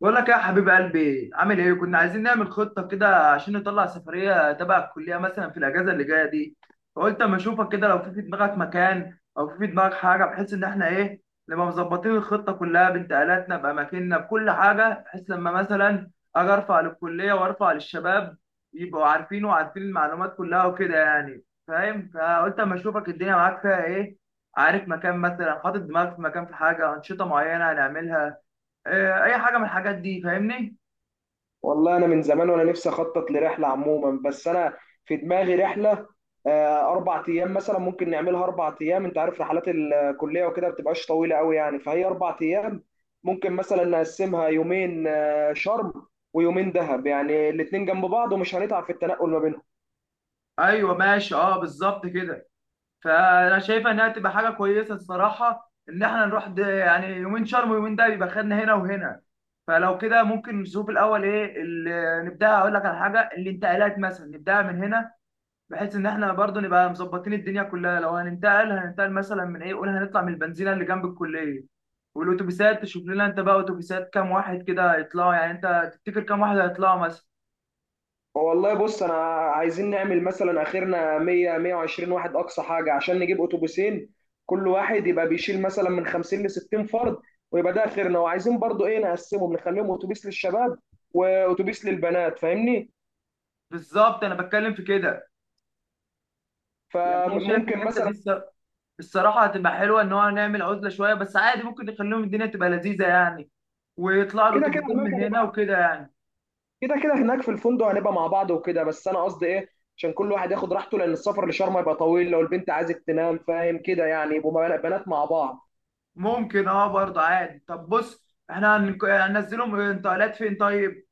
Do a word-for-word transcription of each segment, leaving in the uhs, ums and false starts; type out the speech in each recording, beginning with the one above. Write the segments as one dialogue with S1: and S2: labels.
S1: بقول لك إيه يا حبيب قلبي، عامل ايه؟ كنا عايزين نعمل خطه كده عشان نطلع سفريه تبع الكليه مثلا في الاجازه اللي جايه دي. فقلت اما اشوفك كده لو في في دماغك مكان او في في دماغك حاجه، بحيث ان احنا ايه، نبقى مظبطين الخطه كلها بانتقالاتنا باماكننا بكل حاجه، بحيث لما مثلا اجي ارفع للكليه وارفع للشباب يبقوا عارفين، وعارفين المعلومات كلها وكده يعني، فاهم. فقلت اما اشوفك الدنيا معاك فيها ايه، عارف مكان مثلا، حاطط دماغك في مكان، في حاجه، انشطه معينه هنعملها، آه، اي حاجه من الحاجات دي، فاهمني.
S2: والله انا من زمان وانا نفسي اخطط لرحله عموما بس انا في دماغي رحله. آه، اربع ايام مثلا ممكن نعملها اربع ايام. انت عارف رحلات الكليه وكده بتبقاش طويله قوي، يعني فهي اربع ايام ممكن مثلا نقسمها يومين آه، شرم ويومين دهب، يعني الاتنين جنب بعض ومش هنتعب في التنقل ما بينهم.
S1: ايوه ماشي، اه بالظبط كده. فانا شايفه انها تبقى حاجه كويسه الصراحه، ان احنا نروح ده يعني يومين شرم ويومين ده، يبقى خدنا هنا وهنا. فلو كده ممكن نشوف الاول ايه اللي نبدا، اقول لك على حاجه، الانتقالات مثلا نبداها من هنا، بحيث ان احنا برضو نبقى مظبطين الدنيا كلها. لو هننتقل هننتقل مثلا من ايه، قول هنطلع من البنزينه اللي جنب الكليه، والاتوبيسات تشوف لنا انت بقى اتوبيسات كام واحد كده هيطلعوا، يعني انت تفتكر كام واحد هيطلعوا مثلا.
S2: والله بص انا عايزين نعمل مثلا اخرنا مية مية وعشرين واحد اقصى حاجه عشان نجيب اتوبيسين، كل واحد يبقى بيشيل مثلا من خمسين ل ستين فرد، ويبقى ده اخرنا. وعايزين برضو ايه، نقسمهم نخليهم اتوبيس للشباب واتوبيس للبنات، فاهمني؟
S1: بالظبط انا بتكلم في كده. يعني انا شايف
S2: فممكن
S1: الحته
S2: مثلا
S1: دي الص- الصراحه هتبقى حلوه، ان هو نعمل عزله شويه بس عادي، ممكن نخليهم الدنيا تبقى لذيذه يعني، ويطلع له
S2: كده كده
S1: تبسيم
S2: هناك
S1: من هنا
S2: هنبقى.
S1: وكده يعني.
S2: كده كده هناك في الفندق هنبقى مع بعض وكده، بس انا قصدي ايه، عشان كل واحد ياخد راحته، لان السفر لشرم هيبقى طويل، لو البنت عايزه تنام فاهم كده، يعني يبقوا بنات مع بعض.
S1: ممكن اه برضه عادي. طب بص احنا هنك- هننزلهم انتقالات فين؟ طيب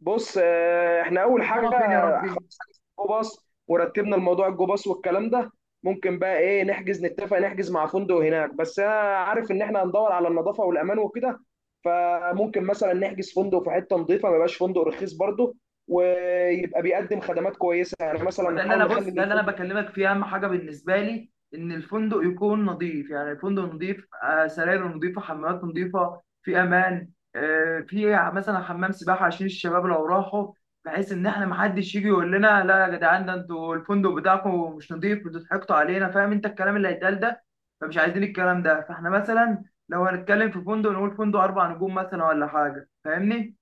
S2: بص آه، احنا اول حاجه
S1: اقامه فين يا ربي؟
S2: خلاص حجزنا الجو باص ورتبنا الموضوع الجو باص والكلام ده. ممكن بقى ايه، نحجز نتفق نحجز مع فندق هناك، بس انا عارف ان احنا هندور على النظافه والامان وكده. فممكن مثلا نحجز فندق في حته نظيفه، ما يبقاش فندق رخيص برضه، ويبقى بيقدم خدمات كويسه. يعني
S1: هو
S2: مثلا
S1: ده اللي
S2: نحاول
S1: انا، بص
S2: نخلي ان
S1: ده اللي انا
S2: الفندق
S1: بكلمك فيه، اهم حاجه بالنسبه لي ان الفندق يكون نظيف، يعني الفندق نظيف، آه، سراير نظيفه، حمامات نظيفه، في امان، آه، في مثلا حمام سباحه عشان الشباب لو راحوا، بحيث ان احنا محدش يجي يقول لنا لا يا جدعان، ده انتوا الفندق بتاعكم مش نظيف، انتوا ضحكتوا علينا، فاهم انت الكلام اللي هيتقال ده. فمش عايزين الكلام ده. فاحنا مثلا لو هنتكلم في فندق نقول فندق اربع نجوم مثلا ولا حاجه، فاهمني.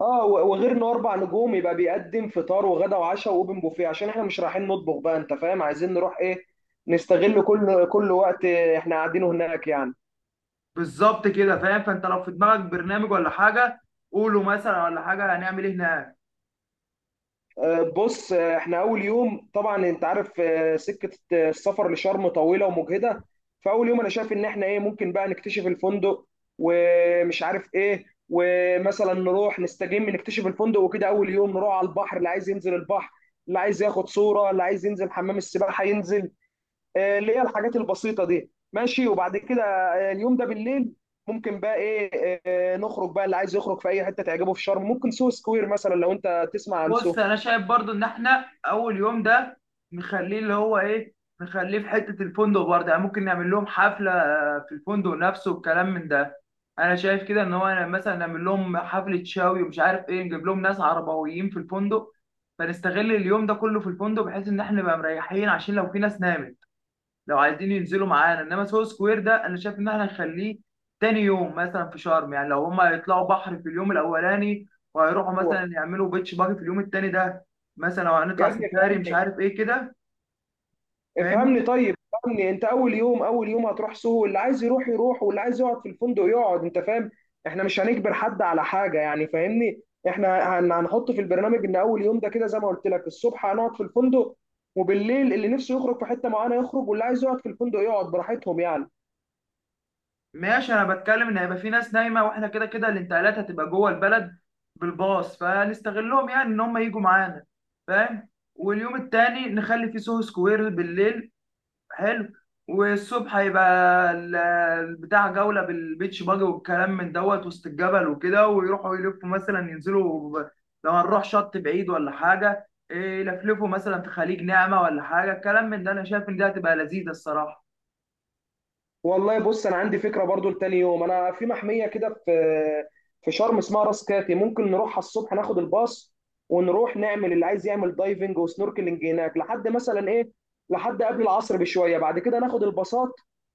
S2: اه و- وغير انه اربع نجوم يبقى بيقدم فطار وغدا وعشاء واوبن بوفيه، عشان احنا مش رايحين نطبخ بقى انت فاهم. عايزين نروح ايه، نستغل كل كل وقت احنا قاعدينه هناك يعني.
S1: بالظبط كده، فاهم. فانت لو في دماغك برنامج ولا حاجه، قوله مثلا ولا حاجه، هنعمل ايه هناك.
S2: آه، بص آه، احنا اول يوم طبعا انت عارف، آه، سكه آه، السفر لشرم طويله ومجهده. فاول يوم انا شايف ان احنا ايه، ممكن بقى نكتشف الفندق ومش عارف ايه، ومثلا نروح نستجم نكتشف الفندق وكده. اول يوم نروح على البحر، اللي عايز ينزل البحر، اللي عايز ياخد صوره، اللي عايز ينزل حمام السباحه ينزل، آه، اللي هي الحاجات البسيطه دي ماشي. وبعد كده آه، اليوم ده بالليل ممكن بقى ايه، آه، نخرج بقى اللي عايز يخرج في اي حته تعجبه في شرم. ممكن سو سكوير مثلا، لو انت تسمع عن
S1: بص
S2: سو
S1: انا شايف برضو ان احنا اول يوم ده نخليه اللي هو ايه، نخليه في حته الفندق برضه يعني. ممكن نعمل لهم حفله آه، في الفندق نفسه والكلام من ده. انا شايف كده ان هو مثلا نعمل لهم حفله شاوي ومش عارف ايه، نجيب لهم ناس عربويين في الفندق، فنستغل اليوم ده كله في الفندق، بحيث ان احنا نبقى مريحين عشان لو في ناس نامت. لو عايزين ينزلوا معانا، انما سو سكوير ده انا شايف ان احنا نخليه تاني يوم مثلا في شرم، يعني لو هما هيطلعوا بحر في اليوم الاولاني، وهيروحوا مثلا
S2: هو.
S1: يعملوا بيتش باجي في اليوم التاني ده، مثلا لو
S2: يا
S1: هنطلع
S2: ابني
S1: سفاري مش
S2: افهمني،
S1: عارف ايه كده،
S2: افهمني
S1: فاهمني.
S2: طيب افهمني، انت اول يوم، اول يوم هتروح سوهو، اللي عايز يروح يروح واللي عايز يقعد في الفندق يقعد، انت فاهم. احنا مش هنجبر حد على حاجه يعني، فاهمني. احنا هن- هنحط في البرنامج ان اول يوم ده كده زي ما قلت لك الصبح هنقعد في الفندق، وبالليل اللي نفسه يخرج في حته معينه يخرج، واللي عايز يقعد في الفندق يقعد براحتهم يعني.
S1: ماشي، انا بتكلم ان هيبقى في ناس نايمه، واحنا كده كده الانتقالات هتبقى جوه البلد بالباص، فنستغلهم يعني ان هم يجوا معانا، فاهم. واليوم التاني نخلي فيه سوهو سكوير بالليل، حلو. والصبح هيبقى ال- البتاع جولة بالبيتش باجي والكلام من دوت، وسط الجبل وكده، ويروحوا يلفوا مثلا ينزلوا ب- لو هنروح شط بعيد ولا حاجة إيه، يلفلفوا مثلا في خليج نعمة ولا حاجة، الكلام من ده، أنا شايف إن دي هتبقى لذيذة الصراحة.
S2: والله بص انا عندي فكره برضو لتاني يوم. انا في محميه كده في في شرم اسمها راس كاتي، ممكن نروحها الصبح ناخد الباص، ونروح نعمل اللي عايز يعمل دايفنج وسنوركلينج هناك لحد مثلا ايه، لحد قبل العصر بشويه. بعد كده ناخد الباصات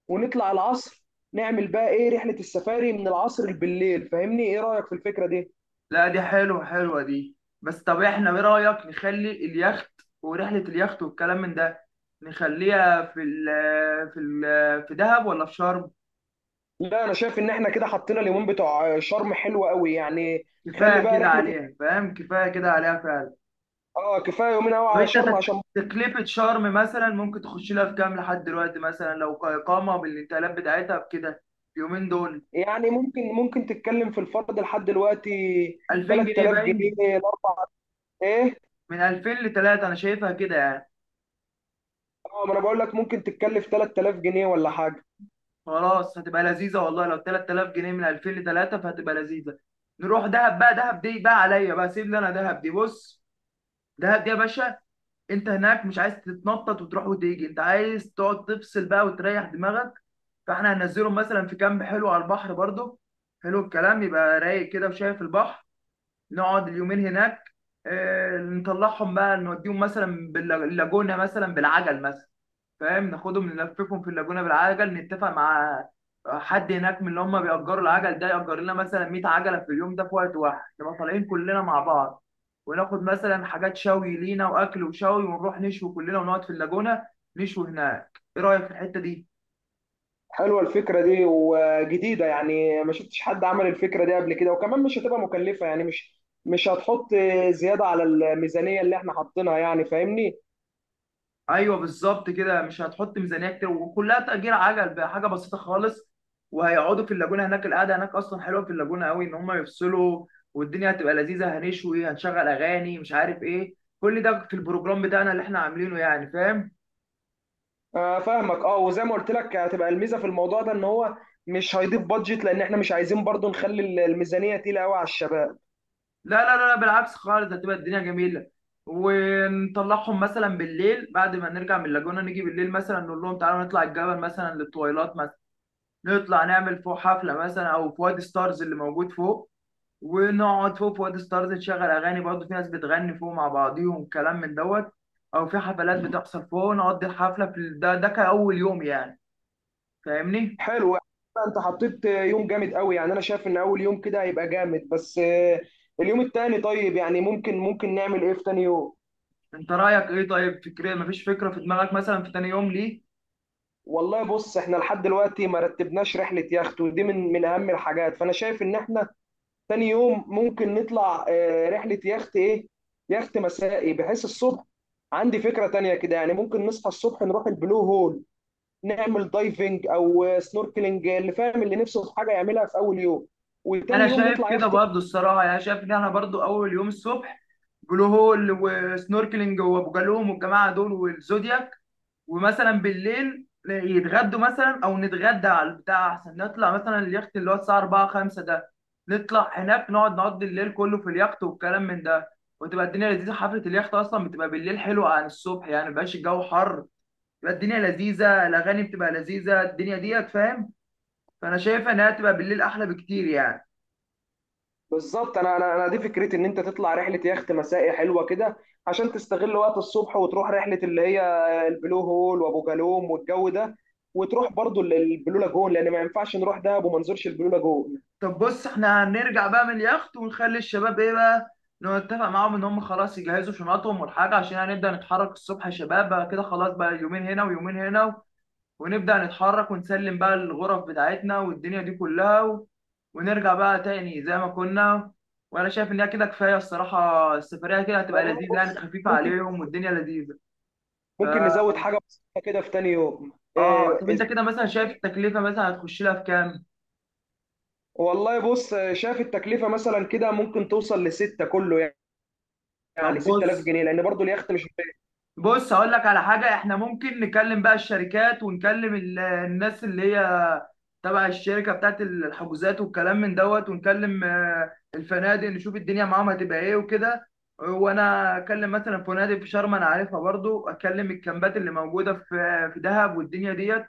S2: ونطلع العصر، نعمل بقى ايه، رحله السفاري من العصر بالليل. فاهمني، ايه رايك في الفكره دي؟
S1: لا دي حلوة، حلوة دي. بس طب إحنا، إيه رأيك نخلي اليخت ورحلة اليخت والكلام من ده، نخليها في ال في ال في دهب ولا في شرم؟
S2: لا انا شايف ان احنا كده حطينا اليومين بتوع شرم حلوة قوي يعني. خلي
S1: كفاية
S2: بقى
S1: كده
S2: رحله.
S1: عليها فاهم، كفاية كده عليها فعلا.
S2: اه كفايه يومين قوي على
S1: وانت
S2: شرم
S1: تك-
S2: عشان.
S1: تكلفة شرم مثلا ممكن تخش لها في كام لحد دلوقتي، مثلا لو كإقامة بالانتقالات بتاعتها بكده اليومين دول؟
S2: يعني ممكن ممكن تتكلم في الفرد لحد دلوقتي
S1: ألفين جنيه
S2: 3000
S1: باين.
S2: جنيه الاربع. ايه؟
S1: من ألفين ل تلاتة، انا شايفها كده يعني.
S2: اه، ما انا بقول لك ممكن تتكلف ثلاثة آلاف جنيه ولا حاجه.
S1: خلاص هتبقى لذيذة والله، لو تلات آلاف جنيه، من ألفين ل تلات آلاف فهتبقى لذيذة. نروح دهب بقى، دهب دي بقى عليا بقى، سيب لي انا دهب دي، بص. دهب دي يا باشا، انت هناك مش عايز تتنطط وتروح وتيجي، انت عايز تقعد تفصل بقى وتريح دماغك. فاحنا هننزلهم مثلا في كامب حلو على البحر برضو، حلو الكلام، يبقى رايق كده وشايف البحر. نقعد اليومين هناك، آه، نطلعهم بقى، نوديهم مثلا باللاجونة مثلا، بالعجل مثلا، فاهم. ناخدهم نلففهم في اللاجونة بالعجل، نتفق مع حد هناك من اللي هم بيأجروا العجل ده يأجر لنا مثلا 100 عجلة في اليوم ده في وقت واحد، نبقى طالعين كلنا مع بعض، وناخد مثلا حاجات شوي لينا وأكل وشوي، ونروح نشوي كلنا ونقعد في اللاجونة، نشوي هناك. إيه رأيك في الحتة دي؟
S2: حلوه الفكره دي وجديده، يعني ما شفتش حد عمل الفكره دي قبل كده، وكمان مش هتبقى مكلفه، يعني مش مش هتحط زياده على الميزانيه اللي احنا حاطينها يعني، فاهمني.
S1: ايوه بالظبط كده. مش هتحط ميزانيه كتير، وكلها تأجير عجل بقى، حاجه بسيطه خالص. وهيقعدوا في اللاجونه هناك، القعده هناك اصلا حلوه في اللاجونه قوي، ان هم يفصلوا والدنيا هتبقى لذيذه، هنشوي، هنشغل اغاني مش عارف ايه، كل ده في البروجرام بتاعنا اللي احنا عاملينه يعني، فاهم.
S2: آه فاهمك. اه وزي ما قلت لك هتبقى الميزه في الموضوع ده ان هو مش هيضيف بادجت، لان احنا مش عايزين برضو نخلي الميزانيه تقيله قوي على الشباب.
S1: لا لا لا لا، بالعكس خالص، هتبقى الدنيا جميله. ونطلعهم مثلا بالليل بعد ما نرجع من اللاجونه، نيجي بالليل مثلا نقول لهم تعالوا نطلع الجبل مثلا، للطويلات مثلا، نطلع نعمل فوق حفله مثلا، او في وادي ستارز اللي موجود فوق، ونقعد فوق في وادي ستارز، تشغل اغاني برضه، في ناس بتغني فوق مع بعضيهم كلام من دوت، او في حفلات بتحصل فوق، نقضي الحفله في ال- ده ده كاول يوم يعني، فاهمني.
S2: حلو. انت حطيت يوم جامد قوي، يعني انا شايف ان اول يوم كده هيبقى جامد. بس آه، اليوم التاني طيب، يعني ممكن ممكن نعمل ايه في تاني يوم؟
S1: انت رايك ايه طيب فكريا، مفيش فكره في دماغك مثلا في تاني يوم ليه؟
S2: والله بص احنا لحد دلوقتي ما رتبناش رحلة يخت، ودي من من اهم الحاجات. فانا شايف ان احنا تاني يوم ممكن نطلع آه، رحلة يخت ايه، يخت مسائي بحيث الصبح. عندي فكرة تانية كده، يعني ممكن نصحى الصبح نروح البلو هول نعمل دايفنج او آه، سنوركلينج، اللي فاهم اللي نفسه في حاجة يعملها في اول يوم، وتاني
S1: انا
S2: يوم
S1: شايف
S2: نطلع
S1: كده
S2: يخت.
S1: برضه الصراحه، يعني شايف ان احنا برضه اول يوم الصبح، بلو هول وسنوركلينج وابو جالوم والجماعه دول والزودياك، ومثلا بالليل يتغدوا مثلا او نتغدى على البتاع، احسن نطلع مثلا اليخت اللي هو الساعه أربعة خمسة ده، نطلع هناك نقعد نقضي الليل كله في اليخت والكلام من ده. وتبقى الدنيا لذيذه، حفله اليخت اصلا بتبقى بالليل حلوه عن الصبح يعني، مبقاش الجو حر، بتبقى الدنيا لذيذه، الاغاني بتبقى لذيذه، الدنيا ديت فاهم. فانا شايفه انها تبقى بالليل احلى بكتير يعني.
S2: بالظبط. انا انا انا دي فكرتي، ان انت تطلع رحله يخت مسائي حلوه كده، عشان تستغل وقت الصبح وتروح رحله اللي هي البلو هول وابو جالوم والجو ده، وتروح برضو ال- البلو لاجون، لان ما ينفعش نروح دهب وما نزورش البلو لاجون.
S1: طب بص احنا هنرجع بقى من اليخت، ونخلي الشباب ايه بقى، نتفق معاهم ان هم خلاص يجهزوا شنطهم والحاجه، عشان هنبدا نتحرك الصبح يا شباب بقى كده، خلاص بقى يومين هنا ويومين هنا، ونبدا نتحرك ونسلم بقى الغرف بتاعتنا والدنيا دي كلها، و... ونرجع بقى تاني زي ما كنا. وانا شايف ان هي كده كفايه الصراحه، السفريه كده هتبقى
S2: والله
S1: لذيذه يعني،
S2: بص
S1: خفيفه
S2: ممكن،
S1: عليهم والدنيا لذيذه. ف
S2: ممكن نزود حاجه بسيطه كده في تاني يوم
S1: اه
S2: إيه،
S1: طب انت
S2: إيه،
S1: كده مثلا شايف التكلفه مثلا هتخش لها في كام؟
S2: والله بص شايف التكلفه مثلا كده ممكن توصل لستة كله، يعني
S1: طب
S2: 6000
S1: بص،
S2: جنيه لان برضو اليخت مش.
S1: بص هقول لك على حاجة، احنا ممكن نكلم بقى الشركات ونكلم ال- الناس اللي هي تبع الشركة بتاعت الحجوزات والكلام من دوت، ونكلم آه، الفنادق، نشوف الدنيا معاهم هتبقى ايه وكده. وانا اكلم مثلا فنادق في شرم انا عارفها، برضو اكلم الكامبات اللي موجودة في آه، في دهب والدنيا ديت.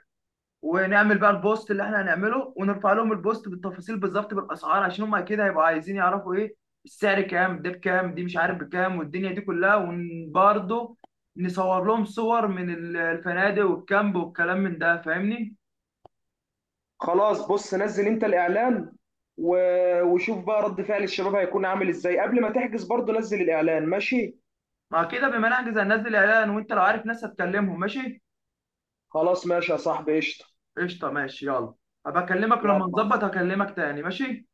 S1: ونعمل بقى البوست اللي احنا هنعمله، ونرفع لهم البوست بالتفاصيل بالظبط بالاسعار، عشان هم اكيد هيبقوا عايزين يعرفوا ايه السعر، كام ده، بكام دي، مش عارف بكام، والدنيا دي كلها. وبرضه نصور لهم صور من ال- الفنادق والكامب والكلام من ده، فاهمني.
S2: خلاص بص نزل انت الاعلان، و- وشوف بقى رد فعل الشباب هيكون عامل ازاي قبل ما تحجز. برضو نزل الاعلان ماشي.
S1: مع كده بما نحجز هننزل اعلان، وانت لو عارف ناس هتكلمهم ماشي.
S2: خلاص ماشي يا صاحبي، قشطة.
S1: قشطه ماشي يلا، هبقى اكلمك لما
S2: يلا مع الس-
S1: نظبط، هكلمك تاني ماشي.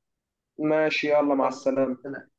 S2: ماشي يلا مع
S1: يلا
S2: السلامة.
S1: سلام.